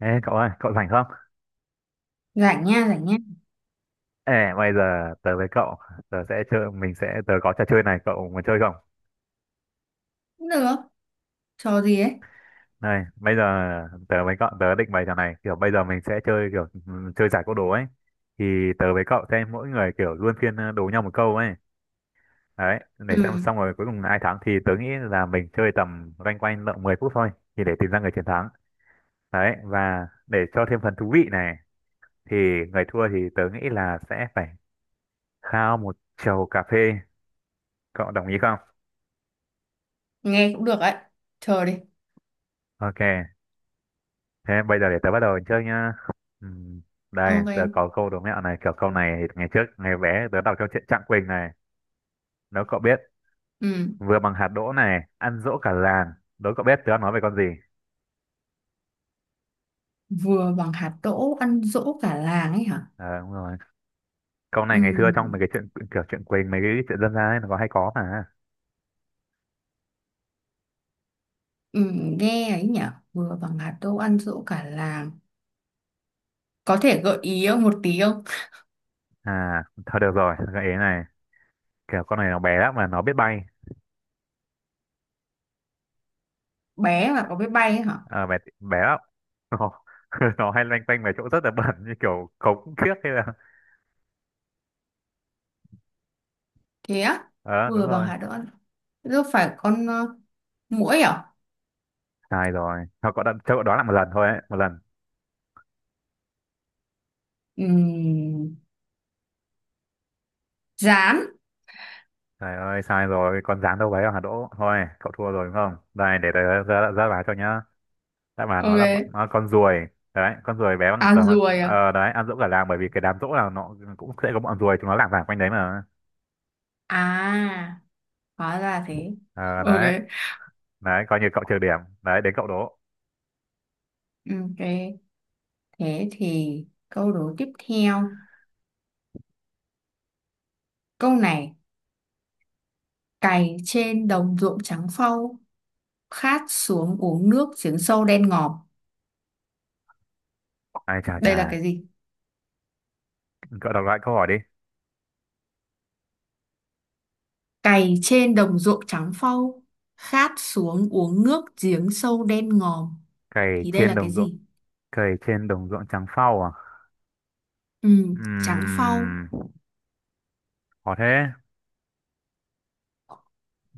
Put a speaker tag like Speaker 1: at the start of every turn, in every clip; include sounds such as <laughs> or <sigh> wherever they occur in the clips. Speaker 1: Ê cậu ơi, cậu rảnh không?
Speaker 2: Rảnh nha, rảnh nha.
Speaker 1: Ê, bây giờ tớ với cậu, tớ sẽ chơi, mình sẽ, tớ có trò chơi này, cậu muốn chơi không?
Speaker 2: Cũng được. Trò gì ấy?
Speaker 1: Này, bây giờ tớ với cậu, tớ định bày trò này, kiểu bây giờ mình sẽ chơi kiểu chơi giải câu đố ấy. Thì tớ với cậu sẽ mỗi người kiểu luân phiên đố nhau một câu ấy. Đấy,
Speaker 2: Ừ,
Speaker 1: để xem xong rồi cuối cùng ai thắng thì tớ nghĩ là mình chơi tầm loanh quanh lợn 10 phút thôi, thì để tìm ra người chiến thắng. Đấy, và để cho thêm phần thú vị này, thì người thua thì tớ nghĩ là sẽ phải khao một chầu cà phê. Cậu đồng ý không?
Speaker 2: nghe cũng được ấy. Chờ đi.
Speaker 1: Ok. Thế bây giờ để tớ bắt đầu chơi nhá. Ừm, Đây, tớ
Speaker 2: Ok.
Speaker 1: có câu đố mẹo này, kiểu câu này thì ngày trước, ngày bé tớ đọc trong truyện Trạng Quỳnh này. Nếu cậu biết,
Speaker 2: Ừ,
Speaker 1: vừa bằng hạt đỗ này, ăn dỗ cả làng. Đố cậu biết tớ đang nói về con gì?
Speaker 2: vừa bằng hạt đỗ ăn dỗ cả làng ấy hả?
Speaker 1: Ờ, đúng rồi. Câu
Speaker 2: Ừ,
Speaker 1: này ngày xưa trong mấy cái chuyện kiểu truyện Quỳnh, mấy cái chuyện dân gian ấy, nó có hay có mà.
Speaker 2: ừ, nghe ấy nhở? Vừa bằng hạt đỗ ăn dỗ cả làng. Có thể gợi ý không một tí không?
Speaker 1: À, thôi được rồi, gợi ý này. Kiểu con này nó bé lắm mà nó biết bay.
Speaker 2: Bé mà có biết bay ấy hả?
Speaker 1: Ờ, bé, bé lắm. Nó, <laughs> nó hay loanh quanh về chỗ rất là bẩn như kiểu cống kiếp hay là...
Speaker 2: Thế á?
Speaker 1: Ờ, đúng
Speaker 2: Vừa bằng
Speaker 1: rồi.
Speaker 2: hạt đỗ ăn. Thế đâu phải con muỗi à?
Speaker 1: Sai rồi. Thôi cậu đã, cho cậu đoán lại một lần thôi ấy, một lần.
Speaker 2: Ừ, rán.
Speaker 1: Trời ơi, sai rồi, con dáng đâu đấy hả Đỗ? Thôi, cậu thua rồi đúng không? Đây, để tớ ra báo cho nhá. Đáp án nó là
Speaker 2: Ok.
Speaker 1: nó là con ruồi. Đấy, con ruồi bé bằng
Speaker 2: À,
Speaker 1: tờ,
Speaker 2: ruồi à?
Speaker 1: đấy, ăn dỗ cả làng bởi vì cái đám dỗ là nó cũng sẽ có bọn ruồi, chúng nó lảng vảng quanh đấy mà.
Speaker 2: À, hóa ra thế.
Speaker 1: Ờ,
Speaker 2: Ok.
Speaker 1: đấy, đấy, coi như cậu trừ điểm. Đấy, đến cậu Đỗ.
Speaker 2: Ok. Thế thì câu đố tiếp theo. Câu này, cày trên đồng ruộng trắng phau, khát xuống uống nước giếng sâu đen ngòm.
Speaker 1: Ai chà
Speaker 2: Đây
Speaker 1: chà,
Speaker 2: là cái gì?
Speaker 1: cậu đọc lại câu hỏi đi.
Speaker 2: Cày trên đồng ruộng trắng phau, khát xuống uống nước giếng sâu đen ngòm.
Speaker 1: Cày
Speaker 2: Thì đây
Speaker 1: trên
Speaker 2: là cái
Speaker 1: đồng ruộng,
Speaker 2: gì?
Speaker 1: Cày trên đồng ruộng trắng phau à?
Speaker 2: Ừ, trắng phau.
Speaker 1: Ừm, khó thế.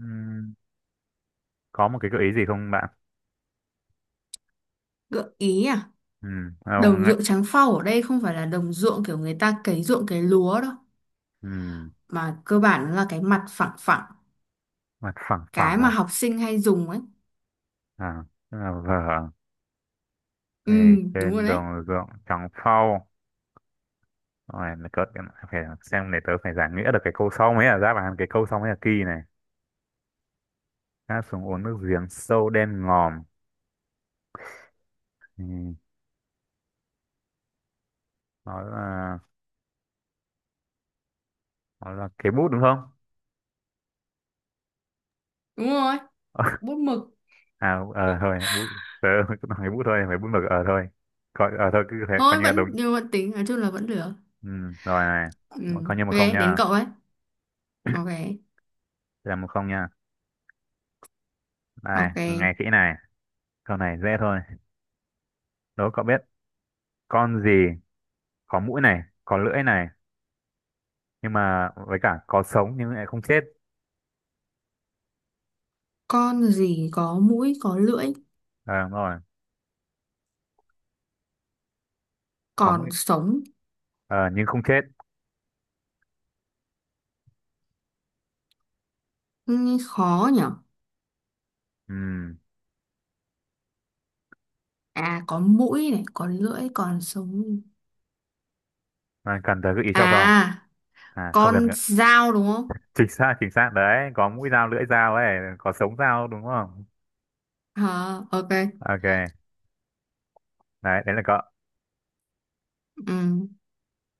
Speaker 1: Ừm, có một cái gợi ý gì không bạn?
Speaker 2: Gợi ý à?
Speaker 1: Không,
Speaker 2: Đồng
Speaker 1: ấy.
Speaker 2: ruộng trắng phau ở đây không phải là đồng ruộng kiểu người ta cấy ruộng cấy lúa đâu.
Speaker 1: ừm,
Speaker 2: Mà cơ bản nó là cái mặt phẳng phẳng.
Speaker 1: mặt phẳng phẳng
Speaker 2: Cái mà
Speaker 1: à?
Speaker 2: học sinh hay dùng ấy.
Speaker 1: À, tức là vở
Speaker 2: Ừ,
Speaker 1: ngày
Speaker 2: đúng rồi
Speaker 1: trên
Speaker 2: đấy.
Speaker 1: đồng ruộng trắng phau rồi là cỡ phải xem để tớ phải giải nghĩa được cái câu sau mới là đáp án cái câu sau mới là kỳ này, ngã xuống uống nước giếng sâu đen ngòm. Ừ, đó là đó là cái bút đúng không?
Speaker 2: Đúng rồi. Bút
Speaker 1: <laughs>
Speaker 2: mực.
Speaker 1: À, ờ thôi bút, tớ cứ nói cái bút thôi phải bút mực ờ thôi, coi ờ thôi cứ thế coi
Speaker 2: Thôi
Speaker 1: như là
Speaker 2: vẫn
Speaker 1: đúng.
Speaker 2: nhưng vẫn tính nói chung là vẫn được.
Speaker 1: Ừ, rồi này.
Speaker 2: Ừ.
Speaker 1: Coi như một
Speaker 2: Ok,
Speaker 1: không
Speaker 2: đến
Speaker 1: nha.
Speaker 2: cậu ấy. Ok.
Speaker 1: Đây là 1-0 nha, này
Speaker 2: Ok.
Speaker 1: nghe kỹ này, câu này dễ thôi, đố cậu biết con gì có mũi này có lưỡi này nhưng mà với cả có sống nhưng lại không chết.
Speaker 2: Con gì có mũi có lưỡi
Speaker 1: À, đúng rồi, có
Speaker 2: còn
Speaker 1: mũi
Speaker 2: sống?
Speaker 1: ờ, nhưng không chết.
Speaker 2: Nghe khó nhở.
Speaker 1: Ừ.
Speaker 2: À có mũi này, có lưỡi còn sống.
Speaker 1: Bạn cần tới gợi ý cho không?
Speaker 2: À,
Speaker 1: À không cần
Speaker 2: con
Speaker 1: <laughs>
Speaker 2: dao đúng không?
Speaker 1: chính xác, chính xác đấy, có mũi dao lưỡi dao ấy, có sống dao đúng không?
Speaker 2: Ờ, ok.
Speaker 1: Ok đấy, đấy là cậu.
Speaker 2: Ừ,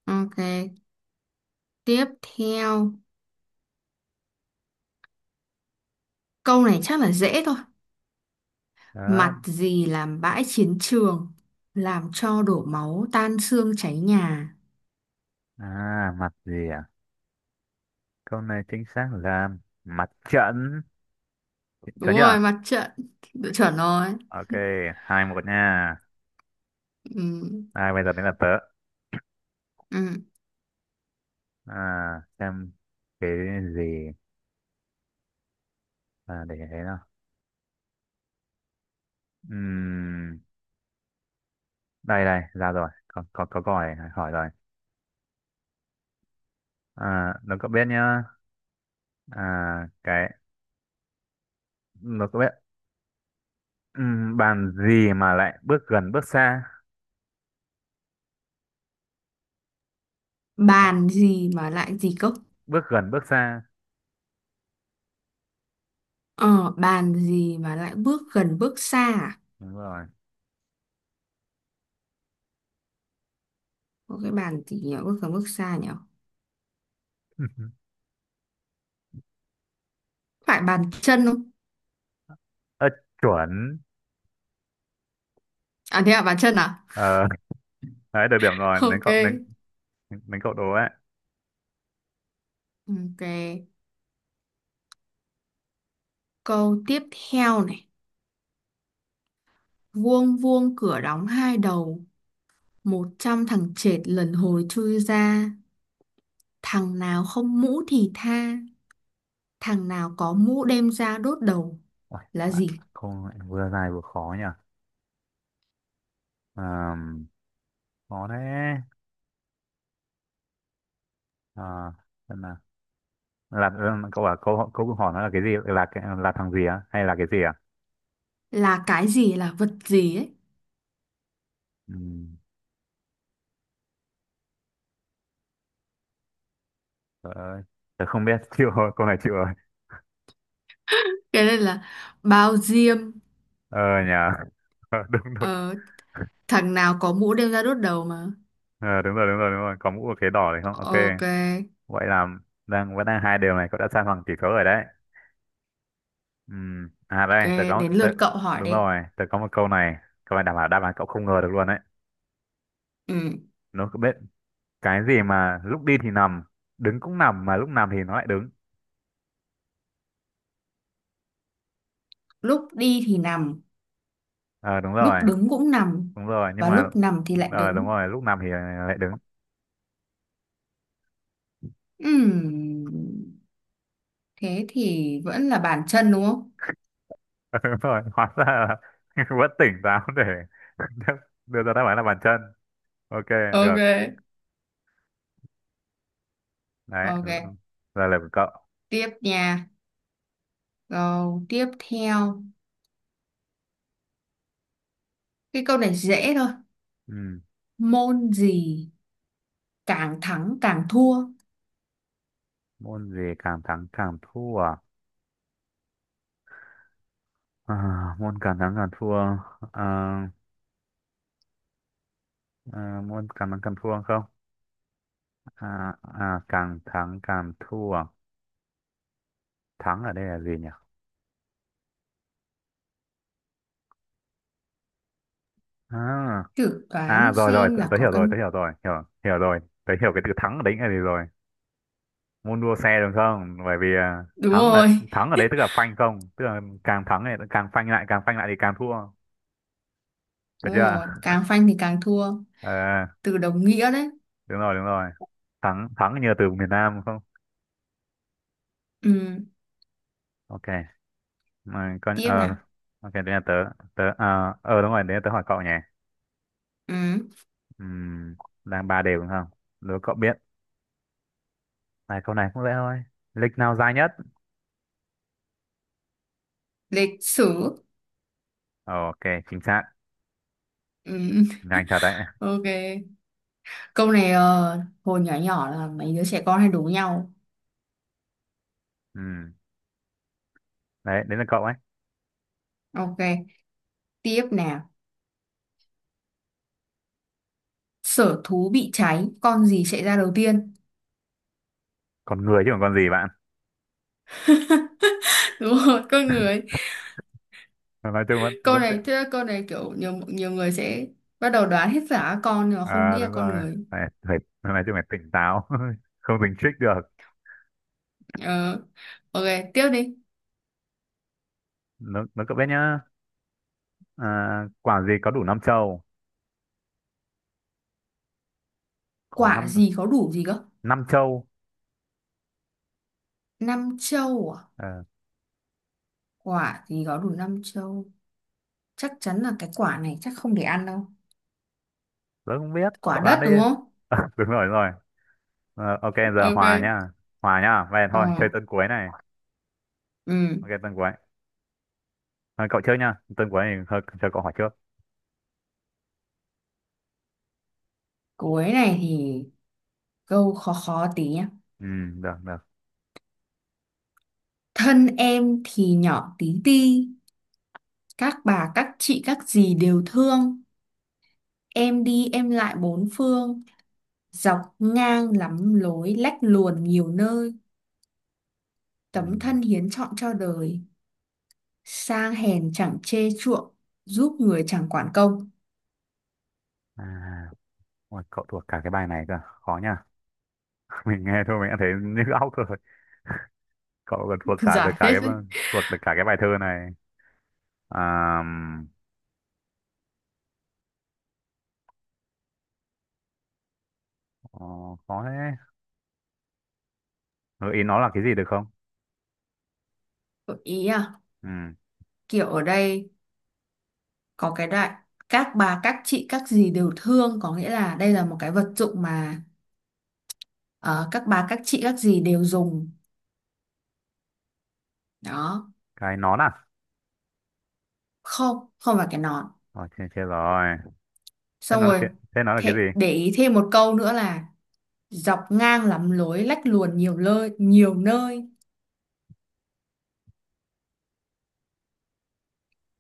Speaker 2: ok. Tiếp theo. Câu này chắc là dễ thôi.
Speaker 1: Đó.
Speaker 2: Mặt gì làm bãi chiến trường, làm cho đổ máu tan xương cháy nhà.
Speaker 1: À mặt gì à, câu này chính xác là mặt trận.
Speaker 2: Đúng
Speaker 1: Chuẩn chưa?
Speaker 2: rồi, mặt trận. Đội chuẩn rồi.
Speaker 1: Ok, 2-1 nha.
Speaker 2: Ừ.
Speaker 1: À, bây giờ đến là tớ.
Speaker 2: Ừ.
Speaker 1: à, xem cái gì, để thế nào, đây đây ra rồi, có câu hỏi hỏi rồi. À, nó có biết nhá, à, cái nó có biết, bàn gì mà lại bước gần bước xa? Bạn-
Speaker 2: Bàn gì mà lại gì cốc?
Speaker 1: bước gần bước xa.
Speaker 2: Ờ bàn gì mà lại bước gần bước xa à?
Speaker 1: Đúng rồi.
Speaker 2: Có cái bàn gì nhỉ bước gần bước xa nhỉ?
Speaker 1: <laughs>
Speaker 2: Phải bàn chân không?
Speaker 1: Ơ chuẩn.
Speaker 2: À thế à, bàn chân à?
Speaker 1: Ờ <laughs> đấy được điểm rồi,
Speaker 2: <laughs>
Speaker 1: đến
Speaker 2: Ok.
Speaker 1: cậu, đến đến cậu đố ấy.
Speaker 2: Ok, câu tiếp theo này. Vuông vuông cửa đóng hai đầu, một trăm thằng chệt lần hồi chui ra, thằng nào không mũ thì tha, thằng nào có mũ đem ra đốt đầu.
Speaker 1: Ôi,
Speaker 2: Là
Speaker 1: bạn
Speaker 2: gì?
Speaker 1: không lại vừa dài vừa khó nhỉ. Ờm, khó thế. à, xem nào, là cậu bảo câu câu hỏi nó là cái gì là là thằng gì á hay là cái gì à?
Speaker 2: Là cái gì, là vật gì ấy.
Speaker 1: Ừm, Trời ơi, tớ không biết, <laughs> chịu rồi, câu này chịu rồi.
Speaker 2: Cái này là bao diêm.
Speaker 1: Ờ nhà, Ờ, <laughs> đúng đúng,
Speaker 2: Ờ, thằng nào có mũ đem ra đốt đầu mà.
Speaker 1: Ờ, đúng rồi, đúng rồi, đúng rồi, có mũ và khế đỏ đấy không? Ok,
Speaker 2: Ok.
Speaker 1: vậy là đang vẫn đang hai điều này, cậu đã san bằng tỷ số rồi đấy. À
Speaker 2: Ok,
Speaker 1: đây,
Speaker 2: đến lượt cậu hỏi
Speaker 1: đúng
Speaker 2: đi.
Speaker 1: rồi, tớ có một câu này đảm bảo đáp án cậu không ngờ được luôn đấy.
Speaker 2: Ừ.
Speaker 1: Nó có biết cái gì mà lúc đi thì nằm, đứng cũng nằm, mà lúc nằm thì nó lại đứng.
Speaker 2: Lúc đi thì nằm,
Speaker 1: Ờ
Speaker 2: lúc đứng cũng nằm,
Speaker 1: đúng rồi, nhưng
Speaker 2: và
Speaker 1: mà,
Speaker 2: lúc nằm thì lại
Speaker 1: ờ đúng
Speaker 2: đứng.
Speaker 1: rồi, lúc nằm thì lại đứng.
Speaker 2: Ừm, thế thì vẫn là bàn chân đúng không?
Speaker 1: <laughs> Đúng rồi, hóa ra là <laughs> vẫn tỉnh táo để <laughs> đưa ra đáp án là bàn chân. Ok
Speaker 2: Ok.
Speaker 1: được đấy,
Speaker 2: Ok,
Speaker 1: giờ là của cậu.
Speaker 2: tiếp nha. Câu tiếp theo, cái câu này dễ thôi.
Speaker 1: Ừ.
Speaker 2: Môn gì càng thắng càng thua?
Speaker 1: Môn gì càng thắng càng thua à? À, môn càng thắng càng thua, à, à, môn càng thắng càng thua không, à, à, càng thắng càng thua, thắng ở đây là gì nhỉ? À,
Speaker 2: Thử
Speaker 1: à
Speaker 2: đoán
Speaker 1: rồi rồi
Speaker 2: xem
Speaker 1: tớ,
Speaker 2: là
Speaker 1: tớ
Speaker 2: có
Speaker 1: hiểu
Speaker 2: cái.
Speaker 1: rồi, tớ hiểu rồi. Tớ hiểu cái từ thắng ở đấy là gì rồi. Môn đua xe đúng không, bởi vì à,
Speaker 2: Đúng rồi,
Speaker 1: thắng ở đấy tức là phanh không, tức là càng thắng này càng phanh lại, càng phanh lại thì càng thua, được
Speaker 2: đúng
Speaker 1: chưa?
Speaker 2: rồi,
Speaker 1: <laughs>
Speaker 2: càng phanh thì càng thua.
Speaker 1: Ờ,
Speaker 2: Từ đồng nghĩa đấy.
Speaker 1: đúng rồi đúng rồi, thắng thắng như từ miền Nam không?
Speaker 2: Ừ,
Speaker 1: Ok, mà con
Speaker 2: tiếp
Speaker 1: ờ,
Speaker 2: nào.
Speaker 1: ok đấy là tớ. Đúng rồi, đấy là tớ hỏi cậu nhỉ.
Speaker 2: Ừ,
Speaker 1: Ừm, đang ba đều đúng không, đố cậu biết, này câu này cũng dễ thôi, lịch nào dài nhất?
Speaker 2: lịch sử.
Speaker 1: Ok, chính xác,
Speaker 2: Ừ,
Speaker 1: nhanh thật đấy.
Speaker 2: ok. Câu này hồi nhỏ nhỏ là mấy đứa trẻ con hay đố nhau.
Speaker 1: Ừm, đấy đấy là cậu ấy.
Speaker 2: Ok, tiếp nào. Sở thú bị cháy, con gì chạy ra đầu tiên?
Speaker 1: Còn người chứ còn con gì bạn?
Speaker 2: <laughs> Đúng rồi, con người.
Speaker 1: Nói chung vẫn
Speaker 2: Câu
Speaker 1: vẫn tiện.
Speaker 2: này, thế là câu này kiểu nhiều nhiều người sẽ bắt đầu đoán hết cả các con nhưng mà không
Speaker 1: À
Speaker 2: nghĩ là
Speaker 1: đúng
Speaker 2: con
Speaker 1: rồi,
Speaker 2: người.
Speaker 1: phải phải nói chung phải tỉnh táo, <laughs> không tỉnh trích được.
Speaker 2: Ờ, ok, tiếp đi.
Speaker 1: Nó cậu biết nhá, à, quả gì có đủ năm châu? Có
Speaker 2: Quả
Speaker 1: năm
Speaker 2: gì có đủ gì cơ?
Speaker 1: năm châu.
Speaker 2: Năm châu à?
Speaker 1: Ờ,
Speaker 2: Quả thì có đủ năm châu, chắc chắn là cái quả này chắc không để ăn đâu.
Speaker 1: tớ không biết
Speaker 2: Quả
Speaker 1: cậu
Speaker 2: đất
Speaker 1: đoán đi.
Speaker 2: đúng không?
Speaker 1: <laughs> Đúng rồi đúng rồi. Ờ, ok giờ hòa
Speaker 2: Ok.
Speaker 1: nhá, hòa nhá vậy thôi chơi
Speaker 2: Ờ.
Speaker 1: tuần cuối này.
Speaker 2: Ừ.
Speaker 1: Ok tuần cuối. Ờ, cậu trước nhá, tuần cuối thì thôi cho cậu hỏi trước.
Speaker 2: Cuối này thì câu khó khó tí nhá.
Speaker 1: Ừ được được.
Speaker 2: Thân em thì nhỏ tí ti, các bà các chị các dì đều thương, em đi em lại bốn phương, dọc ngang lắm lối lách luồn nhiều nơi,
Speaker 1: Ừ.
Speaker 2: tấm thân hiến trọn cho đời, sang hèn chẳng chê chuộng, giúp người chẳng quản công.
Speaker 1: À ôi, cậu thuộc cả cái bài này cơ, khó nhá, <laughs> mình nghe thôi mình đã thấy như óc rồi, cậu còn thuộc
Speaker 2: <laughs>
Speaker 1: cả được
Speaker 2: Giải
Speaker 1: cả
Speaker 2: hết đấy.
Speaker 1: thuộc được cả cái bài thơ này. À, ờ, khó thế, gợi ý nó là cái gì được không?
Speaker 2: Gợi ý à?
Speaker 1: Ừ,
Speaker 2: Kiểu ở đây có cái đại, các bà các chị các dì đều thương có nghĩa là đây là một cái vật dụng mà ờ, các bà các chị các dì đều dùng đó.
Speaker 1: cái nón à?
Speaker 2: Không không phải cái nón.
Speaker 1: Rồi, chết, chết rồi, thế
Speaker 2: Xong
Speaker 1: nó là
Speaker 2: rồi.
Speaker 1: cái thế nó là cái
Speaker 2: Thế,
Speaker 1: gì?
Speaker 2: để ý thêm một câu nữa là dọc ngang lắm lối lách luồn nhiều nơi, nhiều nơi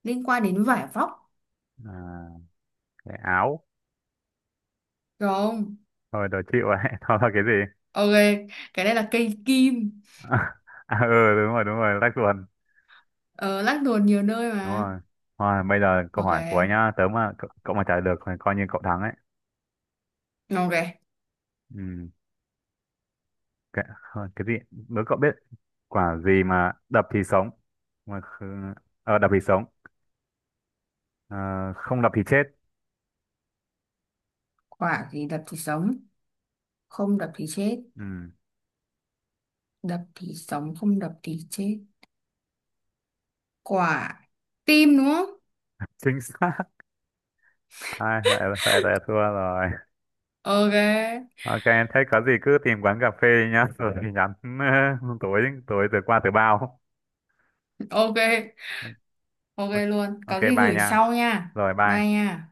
Speaker 2: liên quan đến vải vóc.
Speaker 1: À, cái áo?
Speaker 2: Được không?
Speaker 1: Thôi đòi chịu ấy, <laughs> thôi là cái gì? <laughs>
Speaker 2: Ok, cái đây là cây kim.
Speaker 1: À, ừ đúng rồi đúng rồi, lách luật.
Speaker 2: Ờ, lách luồn nhiều nơi
Speaker 1: Đúng
Speaker 2: mà.
Speaker 1: rồi. Thôi bây giờ câu
Speaker 2: Ok.
Speaker 1: hỏi của anh nhá, cậu mà trả lời được thì coi như cậu thắng ấy.
Speaker 2: Ok.
Speaker 1: Ừ. cái, cái gì, nếu cậu biết, quả gì mà đập thì sống, mà kh- ờ, đập thì sống, ờ, không đập thì chết?
Speaker 2: Quả thì đập thì sống không đập thì chết.
Speaker 1: Ừ.
Speaker 2: Đập thì sống không đập thì chết. Quả tim đúng không?
Speaker 1: Chính xác. <laughs> Ai phải phải là thua rồi.
Speaker 2: Ok.
Speaker 1: Ok, thế có gì cứ tìm quán cà phê nhá, <laughs> rồi thì nhắn, <laughs> tối tối từ qua từ bao.
Speaker 2: Ok. Ok
Speaker 1: Ok,
Speaker 2: luôn,
Speaker 1: ok,
Speaker 2: có gì
Speaker 1: bye
Speaker 2: gửi
Speaker 1: nha.
Speaker 2: sau nha.
Speaker 1: Rồi
Speaker 2: Bye
Speaker 1: bye.
Speaker 2: nha.